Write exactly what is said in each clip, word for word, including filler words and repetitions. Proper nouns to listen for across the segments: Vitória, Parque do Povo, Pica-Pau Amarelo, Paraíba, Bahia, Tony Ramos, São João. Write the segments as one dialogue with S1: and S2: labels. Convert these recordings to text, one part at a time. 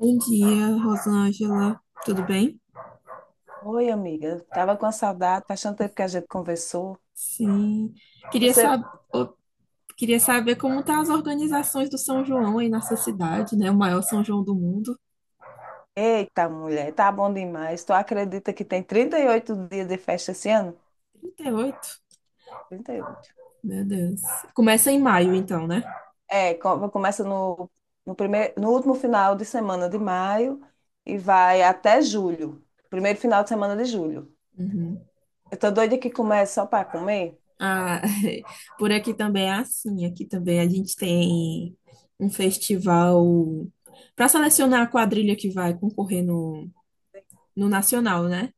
S1: Bom dia, Rosângela. Tudo bem?
S2: Oi, amiga. Tava com a saudade, faz tanto tempo que a gente conversou.
S1: Sim. Queria
S2: Você,
S1: sab... ô, Queria saber como estão as organizações do São João aí nessa cidade, né? O maior São João do mundo.
S2: Eita, mulher, tá bom demais. Tu acredita que tem trinta e oito dias de festa esse ano?
S1: trinta e oito.
S2: Trinta e oito.
S1: Meu Deus. Começa em maio, então, né?
S2: É, co- começa no, no primeiro, no último final de semana de maio e vai até julho. Primeiro final de semana de julho.
S1: Uhum.
S2: Eu tô doida que comece só para comer.
S1: Ah, por aqui também é assim. Aqui também a gente tem um festival para selecionar a quadrilha que vai concorrer no, no Nacional, né?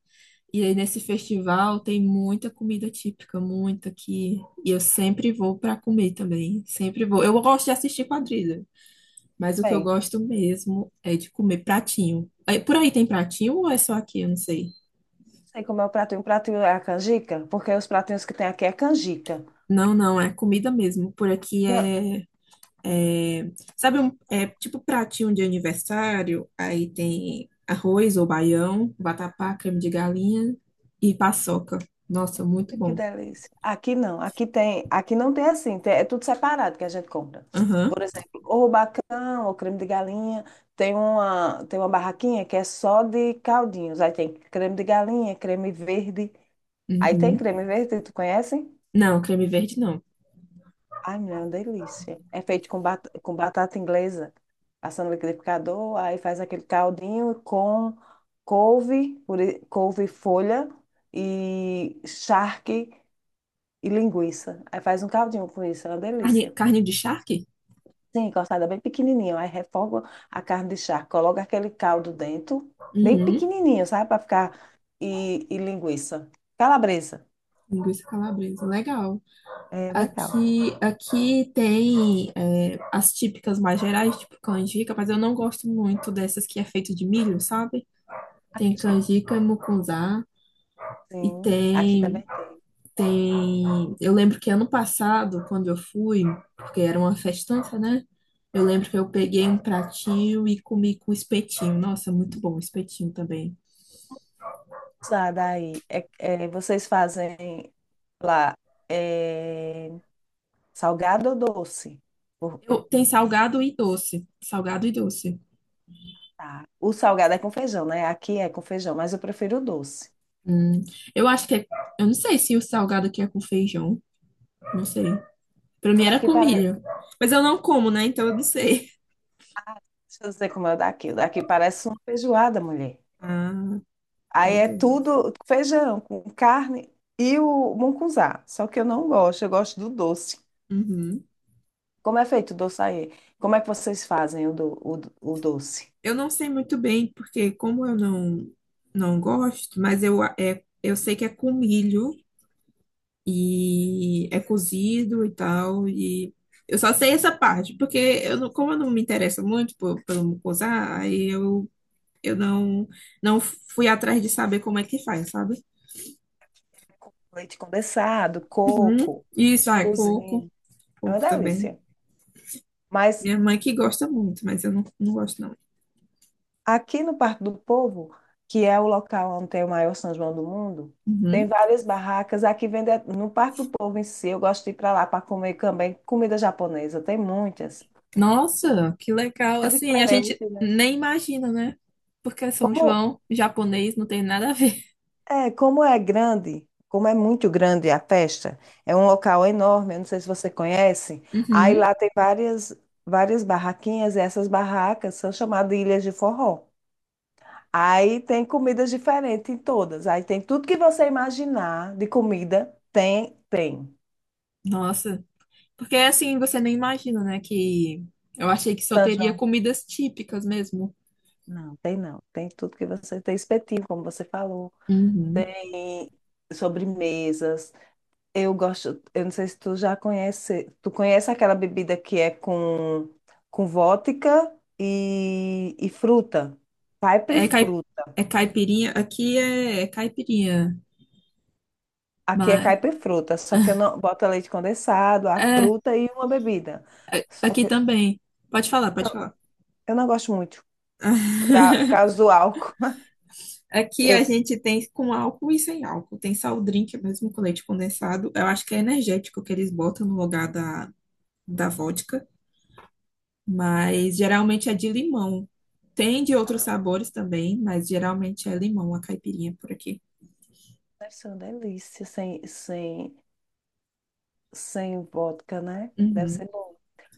S1: E aí nesse festival tem muita comida típica, muita que e eu sempre vou para comer também, sempre vou. Eu gosto de assistir quadrilha, mas o que eu
S2: Bem,
S1: gosto mesmo é de comer pratinho. Aí, por aí tem pratinho ou é só aqui? Eu não sei.
S2: sei como é o pratinho. O pratinho é a canjica, porque os pratinhos que tem aqui é canjica.
S1: Não, não, é comida mesmo. Por aqui é, é- sabe, um, é tipo pratinho de aniversário, aí tem arroz ou baião, vatapá, creme de galinha e paçoca. Nossa, muito
S2: Que
S1: bom.
S2: delícia. Aqui não, aqui tem, aqui não tem assim, tem- é tudo separado que a gente compra.
S1: Aham.
S2: Por exemplo, o rubacão, o creme de galinha, tem uma, tem uma barraquinha que é só de caldinhos. Aí tem creme de galinha, creme verde. Aí tem
S1: Uhum.
S2: creme verde, tu conhece?
S1: Não, creme verde não.
S2: Ai, meu, é uma delícia. É feito com, bat com batata inglesa, passa no liquidificador, aí faz aquele caldinho com couve, puri- couve folha e charque e linguiça. Aí faz um caldinho com isso, é uma
S1: Carne,
S2: delícia.
S1: carne de charque?
S2: Sim, cortada bem pequenininho. Aí refoga a carne de charque, coloca aquele caldo dentro, bem
S1: Uhum.
S2: pequenininho, sabe? Para ficar. E, e linguiça. Calabresa.
S1: Linguiça calabresa, legal.
S2: É legal.
S1: Aqui, aqui tem é, as típicas mais gerais, tipo canjica, mas eu não gosto muito dessas que é feito de milho, sabe? Tem
S2: Acaxi-
S1: canjica, mucunzá, e
S2: Sim, aqui
S1: tem,
S2: também tem.
S1: tem... eu lembro que ano passado, quando eu fui, porque era uma festança, né? Eu lembro que eu peguei um pratinho e comi com espetinho. Nossa, muito bom o espetinho também.
S2: Usada aí. É, é, vocês fazem lá é, salgado ou doce? Por-
S1: Eu, tem salgado e doce. Salgado e doce.
S2: Tá. O salgado é com feijão, né? Aqui é com feijão, mas eu prefiro o doce.
S1: Hum, eu acho que é. Eu não sei se o salgado aqui é com feijão. Não sei. Pra mim era
S2: Aqui
S1: com
S2: parece.
S1: milho. Mas eu não como, né? Então eu não sei.
S2: Deixa eu dizer como é o daqui. O daqui parece uma feijoada, mulher.
S1: Ah,
S2: Aí
S1: meu
S2: é
S1: Deus.
S2: tudo feijão com carne e o mungunzá. Só que eu não gosto, eu gosto do doce.
S1: Uhum.
S2: Como é feito o doce aí? Como é que vocês fazem o, do, o, do- o doce?
S1: Eu não sei muito bem, porque como eu não, não gosto, mas eu, a- é, eu sei que é com milho e é cozido e tal. E eu só sei essa parte, porque eu não, como eu não me interesso muito por, pelo mucosá, aí eu, eu não, não fui atrás de saber como é que faz, sabe?
S2: É com leite condensado,
S1: Uhum.
S2: coco,
S1: Isso, ah, é coco.
S2: cozinha. É uma
S1: Coco também.
S2: delícia. Mas
S1: Minha mãe que gosta muito, mas eu não, não gosto, não.
S2: aqui no Parque do Povo, que é o local onde tem o maior São João do mundo, tem
S1: Uhum.
S2: várias barracas. Aqui vende no Parque do Povo em si. Eu gosto de ir para lá para comer também comida japonesa. Tem muitas.
S1: Nossa, que legal.
S2: É
S1: Assim, a gente
S2: diferente, né?
S1: nem imagina, né? Porque São
S2: Como
S1: João, japonês, não tem nada a ver.
S2: é, como é grande, como é muito grande a festa, é um local enorme. Eu não sei se você conhece. Aí
S1: Uhum.
S2: lá tem várias várias barraquinhas. E essas barracas são chamadas de ilhas de forró. Aí tem comidas diferentes em todas. Aí tem tudo que você imaginar de comida, tem, tem.
S1: Nossa. Porque assim, você nem imagina, né? Que eu achei que só
S2: São
S1: teria
S2: João?
S1: comidas típicas mesmo.
S2: Não, tem não. Tem tudo que você tem espetinho, como você falou.
S1: Uhum.
S2: Tem sobremesas. Eu gosto, eu não sei se tu já conhece, tu conhece aquela bebida que é com com vodka e, e fruta.
S1: É, cai...
S2: Caipifruta.
S1: é caipirinha. Aqui é, é caipirinha.
S2: Aqui é
S1: Mas...
S2: caipifruta, só que eu não boto leite condensado, a
S1: É,
S2: fruta e uma bebida. Só
S1: aqui
S2: que
S1: também. Pode falar, pode falar.
S2: eu não gosto muito. Porque a- por causa do álcool.
S1: Aqui
S2: Eu,
S1: a gente tem com álcool e sem álcool. Tem só o drink mesmo com leite condensado. Eu acho que é energético que eles botam no lugar da, da vodka, mas geralmente é de limão. Tem de outros sabores também, mas geralmente é limão, a caipirinha por aqui.
S2: Deve ser uma delícia sem, sem, sem vodka, né? Deve
S1: Uhum,
S2: ser bom.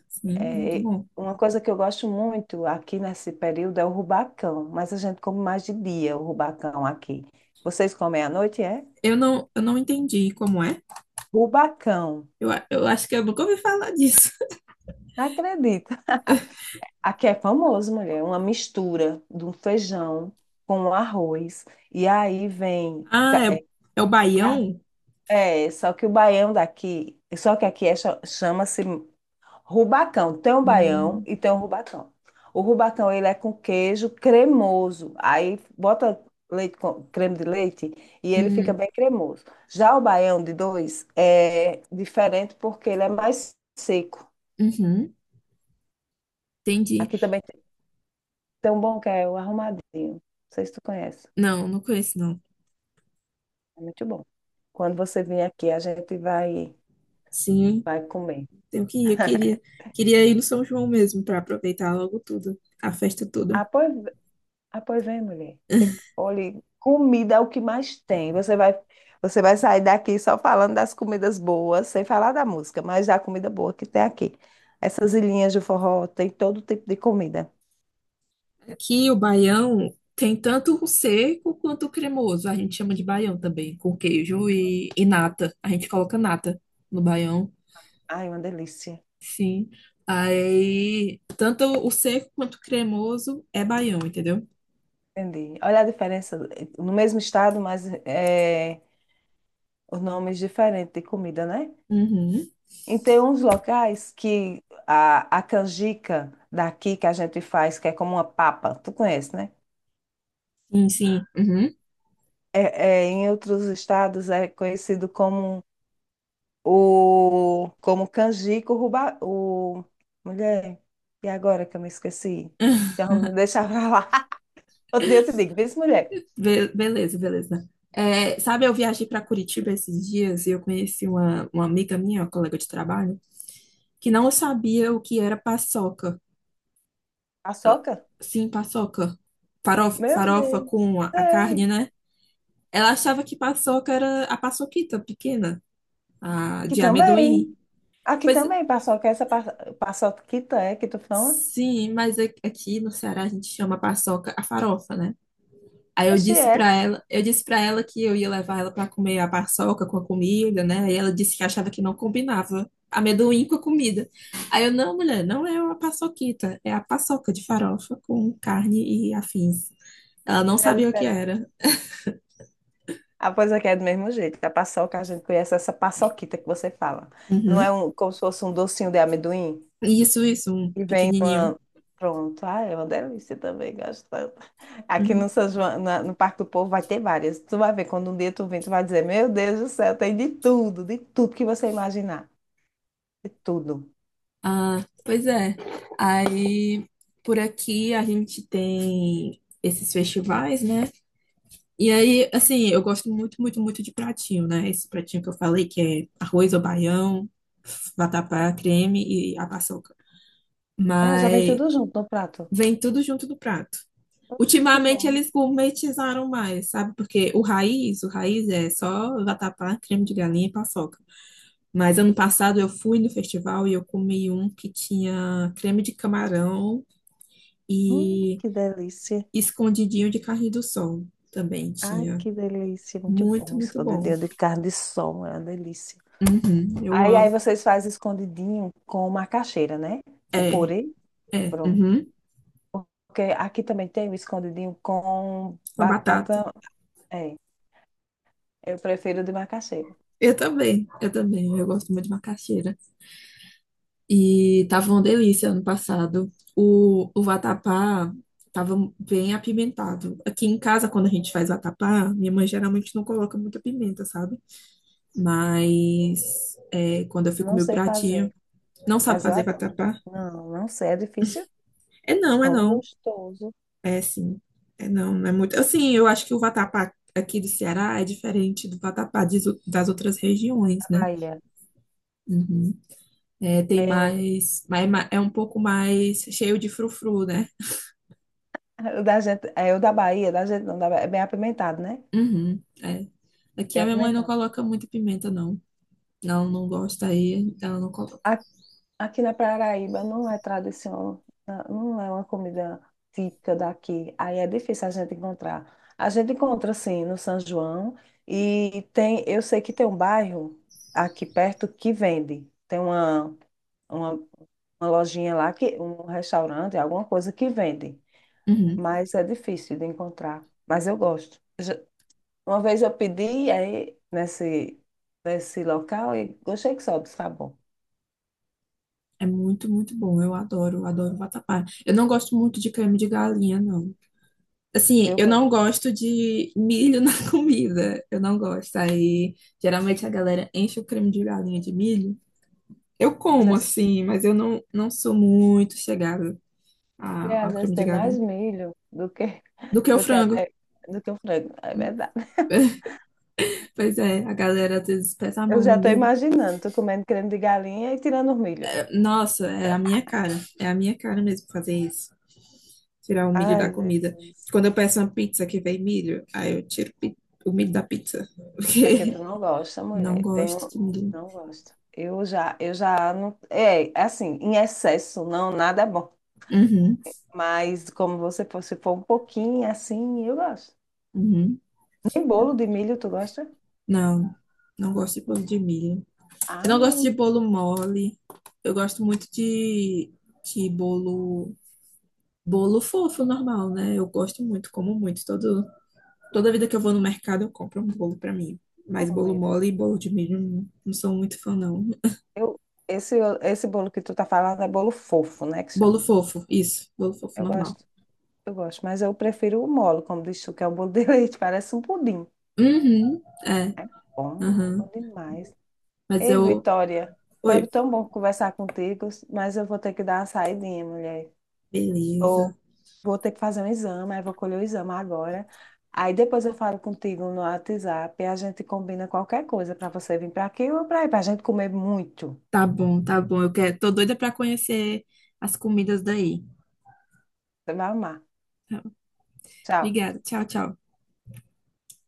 S1: sim, muito
S2: É, e
S1: bom.
S2: uma coisa que eu gosto muito aqui nesse período é o rubacão, mas a gente come mais de dia o rubacão aqui. Vocês comem à noite, é?
S1: Eu não, eu não entendi como é.
S2: Rubacão.
S1: Eu, a- eu acho que eu nunca ouvi falar disso.
S2: Não acredita. Aqui é famoso, mulher, uma mistura de um feijão com um arroz. E aí vem. ca-
S1: Ah, é,
S2: É,
S1: é o
S2: car-
S1: baião?
S2: é, Só que o baião daqui, só que aqui é cha- chama-se Rubacão, tem o baião
S1: Hum,
S2: e tem o rubacão. O rubacão, ele é com queijo cremoso. Aí bota leite com- creme de leite e ele fica
S1: hum,
S2: bem cremoso. Já o baião de dois é diferente porque ele é mais seco.
S1: uhum, entendi.
S2: Aqui também tem tem um bom que é o arrumadinho. Não sei se tu conhece.
S1: Não, não conheço, não.
S2: É muito bom. Quando você vir aqui, a gente vai,
S1: Sim.
S2: vai comer.
S1: Tenho que ir, eu queria, queria ir no São João mesmo para aproveitar logo tudo, a festa toda.
S2: Ah, pois Ah, pois é, mulher. Tem, olha, comida é o que mais tem. Você vai, você vai sair daqui só falando das comidas boas, sem falar da música, mas da comida boa que tem aqui. Essas ilhinhas de forró tem todo tipo de comida.
S1: Aqui o baião tem tanto o seco quanto o cremoso. A gente chama de baião também, com queijo e, e nata. A gente coloca nata no baião,
S2: Ai, uma delícia.
S1: sim. Aí, tanto o seco quanto o cremoso é baião, entendeu?
S2: Entendi. Olha a diferença. eh, No mesmo estado, mas é, os nomes diferentes de comida, né?
S1: Uhum.
S2: E tem uns locais que a, a canjica daqui que a gente faz, que é como uma papa. Tu conhece, né?
S1: Sim, sim. Uhum.
S2: É, é, em outros estados é conhecido como o como canjico ruba, o mulher. E agora que eu me esqueci? Então, me deixa pra lá. Outro dia eu te digo, vê se mulher,
S1: Be- beleza, beleza. É, sabe, eu viajei para Curitiba esses dias e eu conheci uma, uma amiga minha, uma colega de trabalho, que não sabia o que era paçoca.
S2: paçoca?
S1: Sim, paçoca. Farofa,
S2: Meu
S1: farofa
S2: Deus,
S1: com a, a
S2: sei.
S1: carne, né? Ela achava que paçoca era a paçoquita pequena, a
S2: Aqui
S1: de amendoim.
S2: também. Aqui
S1: Pois
S2: também, paçoca. é Essa pa- paçoquita é que tu fala?
S1: sim, mas a- aqui no Ceará a gente chama paçoca a farofa, né? Aí eu
S2: Oxi,
S1: disse
S2: é.
S1: pra ela, eu disse para ela que eu ia levar ela pra comer a paçoca com a comida, né? E ela disse que achava que não combinava amendoim com a comida. Aí eu, não, mulher, não é uma paçoquita, é a paçoca de farofa com carne e afins. Ela não
S2: É
S1: sabia o que
S2: diferente.
S1: era.
S2: Ah, pois aqui é do mesmo jeito. A paçoca, a gente conhece essa paçoquita que você fala. Não é
S1: Uhum.
S2: um, como se fosse um docinho de amendoim?
S1: Isso, isso, um
S2: E vem
S1: pequenininho.
S2: uma. Pronto. Ah, é uma delícia também, gosto tanto. Aqui
S1: Uhum.
S2: no São João, na- no Parque do Povo vai ter várias. Tu vai ver, quando um dia tu vem, tu vai dizer, meu Deus do céu, tem de tudo, de tudo que você imaginar. De tudo.
S1: Ah, pois é. Aí, por aqui a gente tem esses festivais, né? E aí, assim, eu gosto muito, muito, muito de pratinho, né? Esse pratinho que eu falei, que é arroz ou baião, vatapá, creme e a paçoca.
S2: Ah, já vem
S1: Mas
S2: tudo junto no prato.
S1: vem tudo junto do prato.
S2: Poxa, que
S1: Ultimamente
S2: bom.
S1: eles gourmetizaram mais, sabe? Porque o raiz, o raiz é só vatapá, creme de galinha e paçoca. Mas ano passado eu fui no festival e eu comi um que tinha creme de camarão
S2: Hum,
S1: e
S2: que delícia.
S1: escondidinho de carne do sol também
S2: Ai,
S1: tinha.
S2: que delícia. Muito
S1: Muito,
S2: bom.
S1: muito bom.
S2: Escondidinho de carne de sol, é uma delícia.
S1: Uhum, eu
S2: Aí, aí
S1: amo.
S2: vocês fazem escondidinho com macaxeira, né? O
S1: É,
S2: purê.
S1: é,
S2: Pronto.
S1: uhum,
S2: Porque aqui também tem o escondidinho com
S1: com a batata.
S2: batata. É, eu prefiro de macaxeira.
S1: Eu também, eu também, eu gosto muito de macaxeira. E tava uma delícia ano passado. O, o vatapá tava bem apimentado. Aqui em casa, quando a gente faz vatapá, minha mãe geralmente não coloca muita pimenta, sabe? Mas é, quando eu
S2: Eu
S1: fico
S2: não
S1: meu
S2: sei
S1: pratinho,
S2: fazer,
S1: não sabe
S2: mas eu
S1: fazer
S2: adoro.
S1: vatapá?
S2: Não, não sei, é difícil.
S1: É não, é
S2: Tão
S1: não.
S2: gostoso.
S1: É sim. É não, não é muito. Assim, eu acho que o vatapá aqui do Ceará é diferente do vatapá de- das outras
S2: Da
S1: regiões, né?
S2: Bahia.
S1: Uhum. É, tem
S2: É,
S1: mais, mais. É um pouco mais cheio de frufru, né?
S2: o da gente, é o da Bahia, da gente não, da Bahia, é bem apimentado, né?
S1: Uhum, é. Aqui
S2: Bem
S1: a minha mãe não
S2: apimentado.
S1: coloca muita pimenta, não. Não, não gosta aí, ela não coloca.
S2: Aqui na Paraíba não é tradição, na- não é uma comida típica daqui. Aí é difícil a gente encontrar. A gente encontra, sim, no São João. E tem, eu sei que tem um bairro aqui perto que vende. Tem uma, uma, uma lojinha lá, que, um restaurante, alguma coisa que vende.
S1: Uhum.
S2: Mas é difícil de encontrar. Mas eu gosto. Já- Uma vez eu pedi aí nesse, nesse local e gostei que sobe, tá bom.
S1: É muito, muito bom. Eu adoro, adoro vatapá. Eu não gosto muito de creme de galinha, não. Assim,
S2: Eu
S1: eu não
S2: gosto.
S1: gosto de milho na comida. Eu não gosto. Aí, geralmente a galera enche o creme de galinha de milho. Eu
S2: Mas é
S1: como, assim, mas eu não, não sou muito chegada
S2: E
S1: a-
S2: às
S1: ao
S2: vezes
S1: creme de
S2: tem mais
S1: galinha.
S2: milho do que,
S1: Do que o
S2: do que
S1: frango.
S2: até do que o frango. É
S1: Hum.
S2: verdade.
S1: Pois é, a galera às vezes pesa a
S2: Eu
S1: mão
S2: já
S1: no
S2: estou
S1: milho.
S2: imaginando, tu comendo creme de galinha e tirando o milho.
S1: É, nossa, é a minha cara. É a minha cara mesmo fazer isso. Tirar o milho da
S2: Ai,
S1: comida.
S2: Jesus.
S1: Quando eu peço uma pizza que vem milho, aí eu tiro pi- o milho da pizza.
S2: É porque tu
S1: Porque
S2: não gosta,
S1: não
S2: mulher. Tem
S1: gosto
S2: um.
S1: de milho.
S2: Não gosto. Eu já, eu já não. É, assim, em excesso, não, nada é bom.
S1: Uhum.
S2: Mas como você for, se for um pouquinho assim, eu gosto.
S1: Uhum.
S2: Nem
S1: Tá
S2: bolo
S1: bom.
S2: de milho tu gosta?
S1: Não, não gosto de bolo de milho. Eu
S2: Ah,
S1: não gosto de
S2: muito
S1: bolo mole. Eu gosto muito de, de bolo, bolo fofo, normal, né? Eu gosto muito, como muito. Todo, toda vida que eu vou no mercado, eu compro um bolo pra mim. Mas
S2: bom
S1: bolo
S2: mesmo.
S1: mole e bolo de milho, não, não sou muito fã, não.
S2: Eu, esse, esse bolo que tu tá falando é bolo fofo, né? Que
S1: Bolo
S2: chama.
S1: fofo, isso. Bolo fofo
S2: Eu
S1: normal.
S2: gosto. Eu gosto, mas eu prefiro o molo, como diz tu, que é o bolo de leite, parece um pudim.
S1: Uhum, é,
S2: Bom, é
S1: aham.
S2: bom demais.
S1: Mas
S2: Ei,
S1: eu.
S2: Vitória, foi
S1: Oi,
S2: tão bom conversar contigo, mas eu vou ter que dar uma saidinha, mulher.
S1: beleza.
S2: Tô, Vou ter que fazer um exame, aí vou colher o exame agora. Aí depois eu falo contigo no WhatsApp e a gente combina qualquer coisa para você vir para aqui ou para aí, para a gente comer muito.
S1: Tá bom, tá bom. Eu quero, tô doida pra conhecer as comidas daí.
S2: Você vai amar. Tchau.
S1: Obrigada. Tchau, tchau.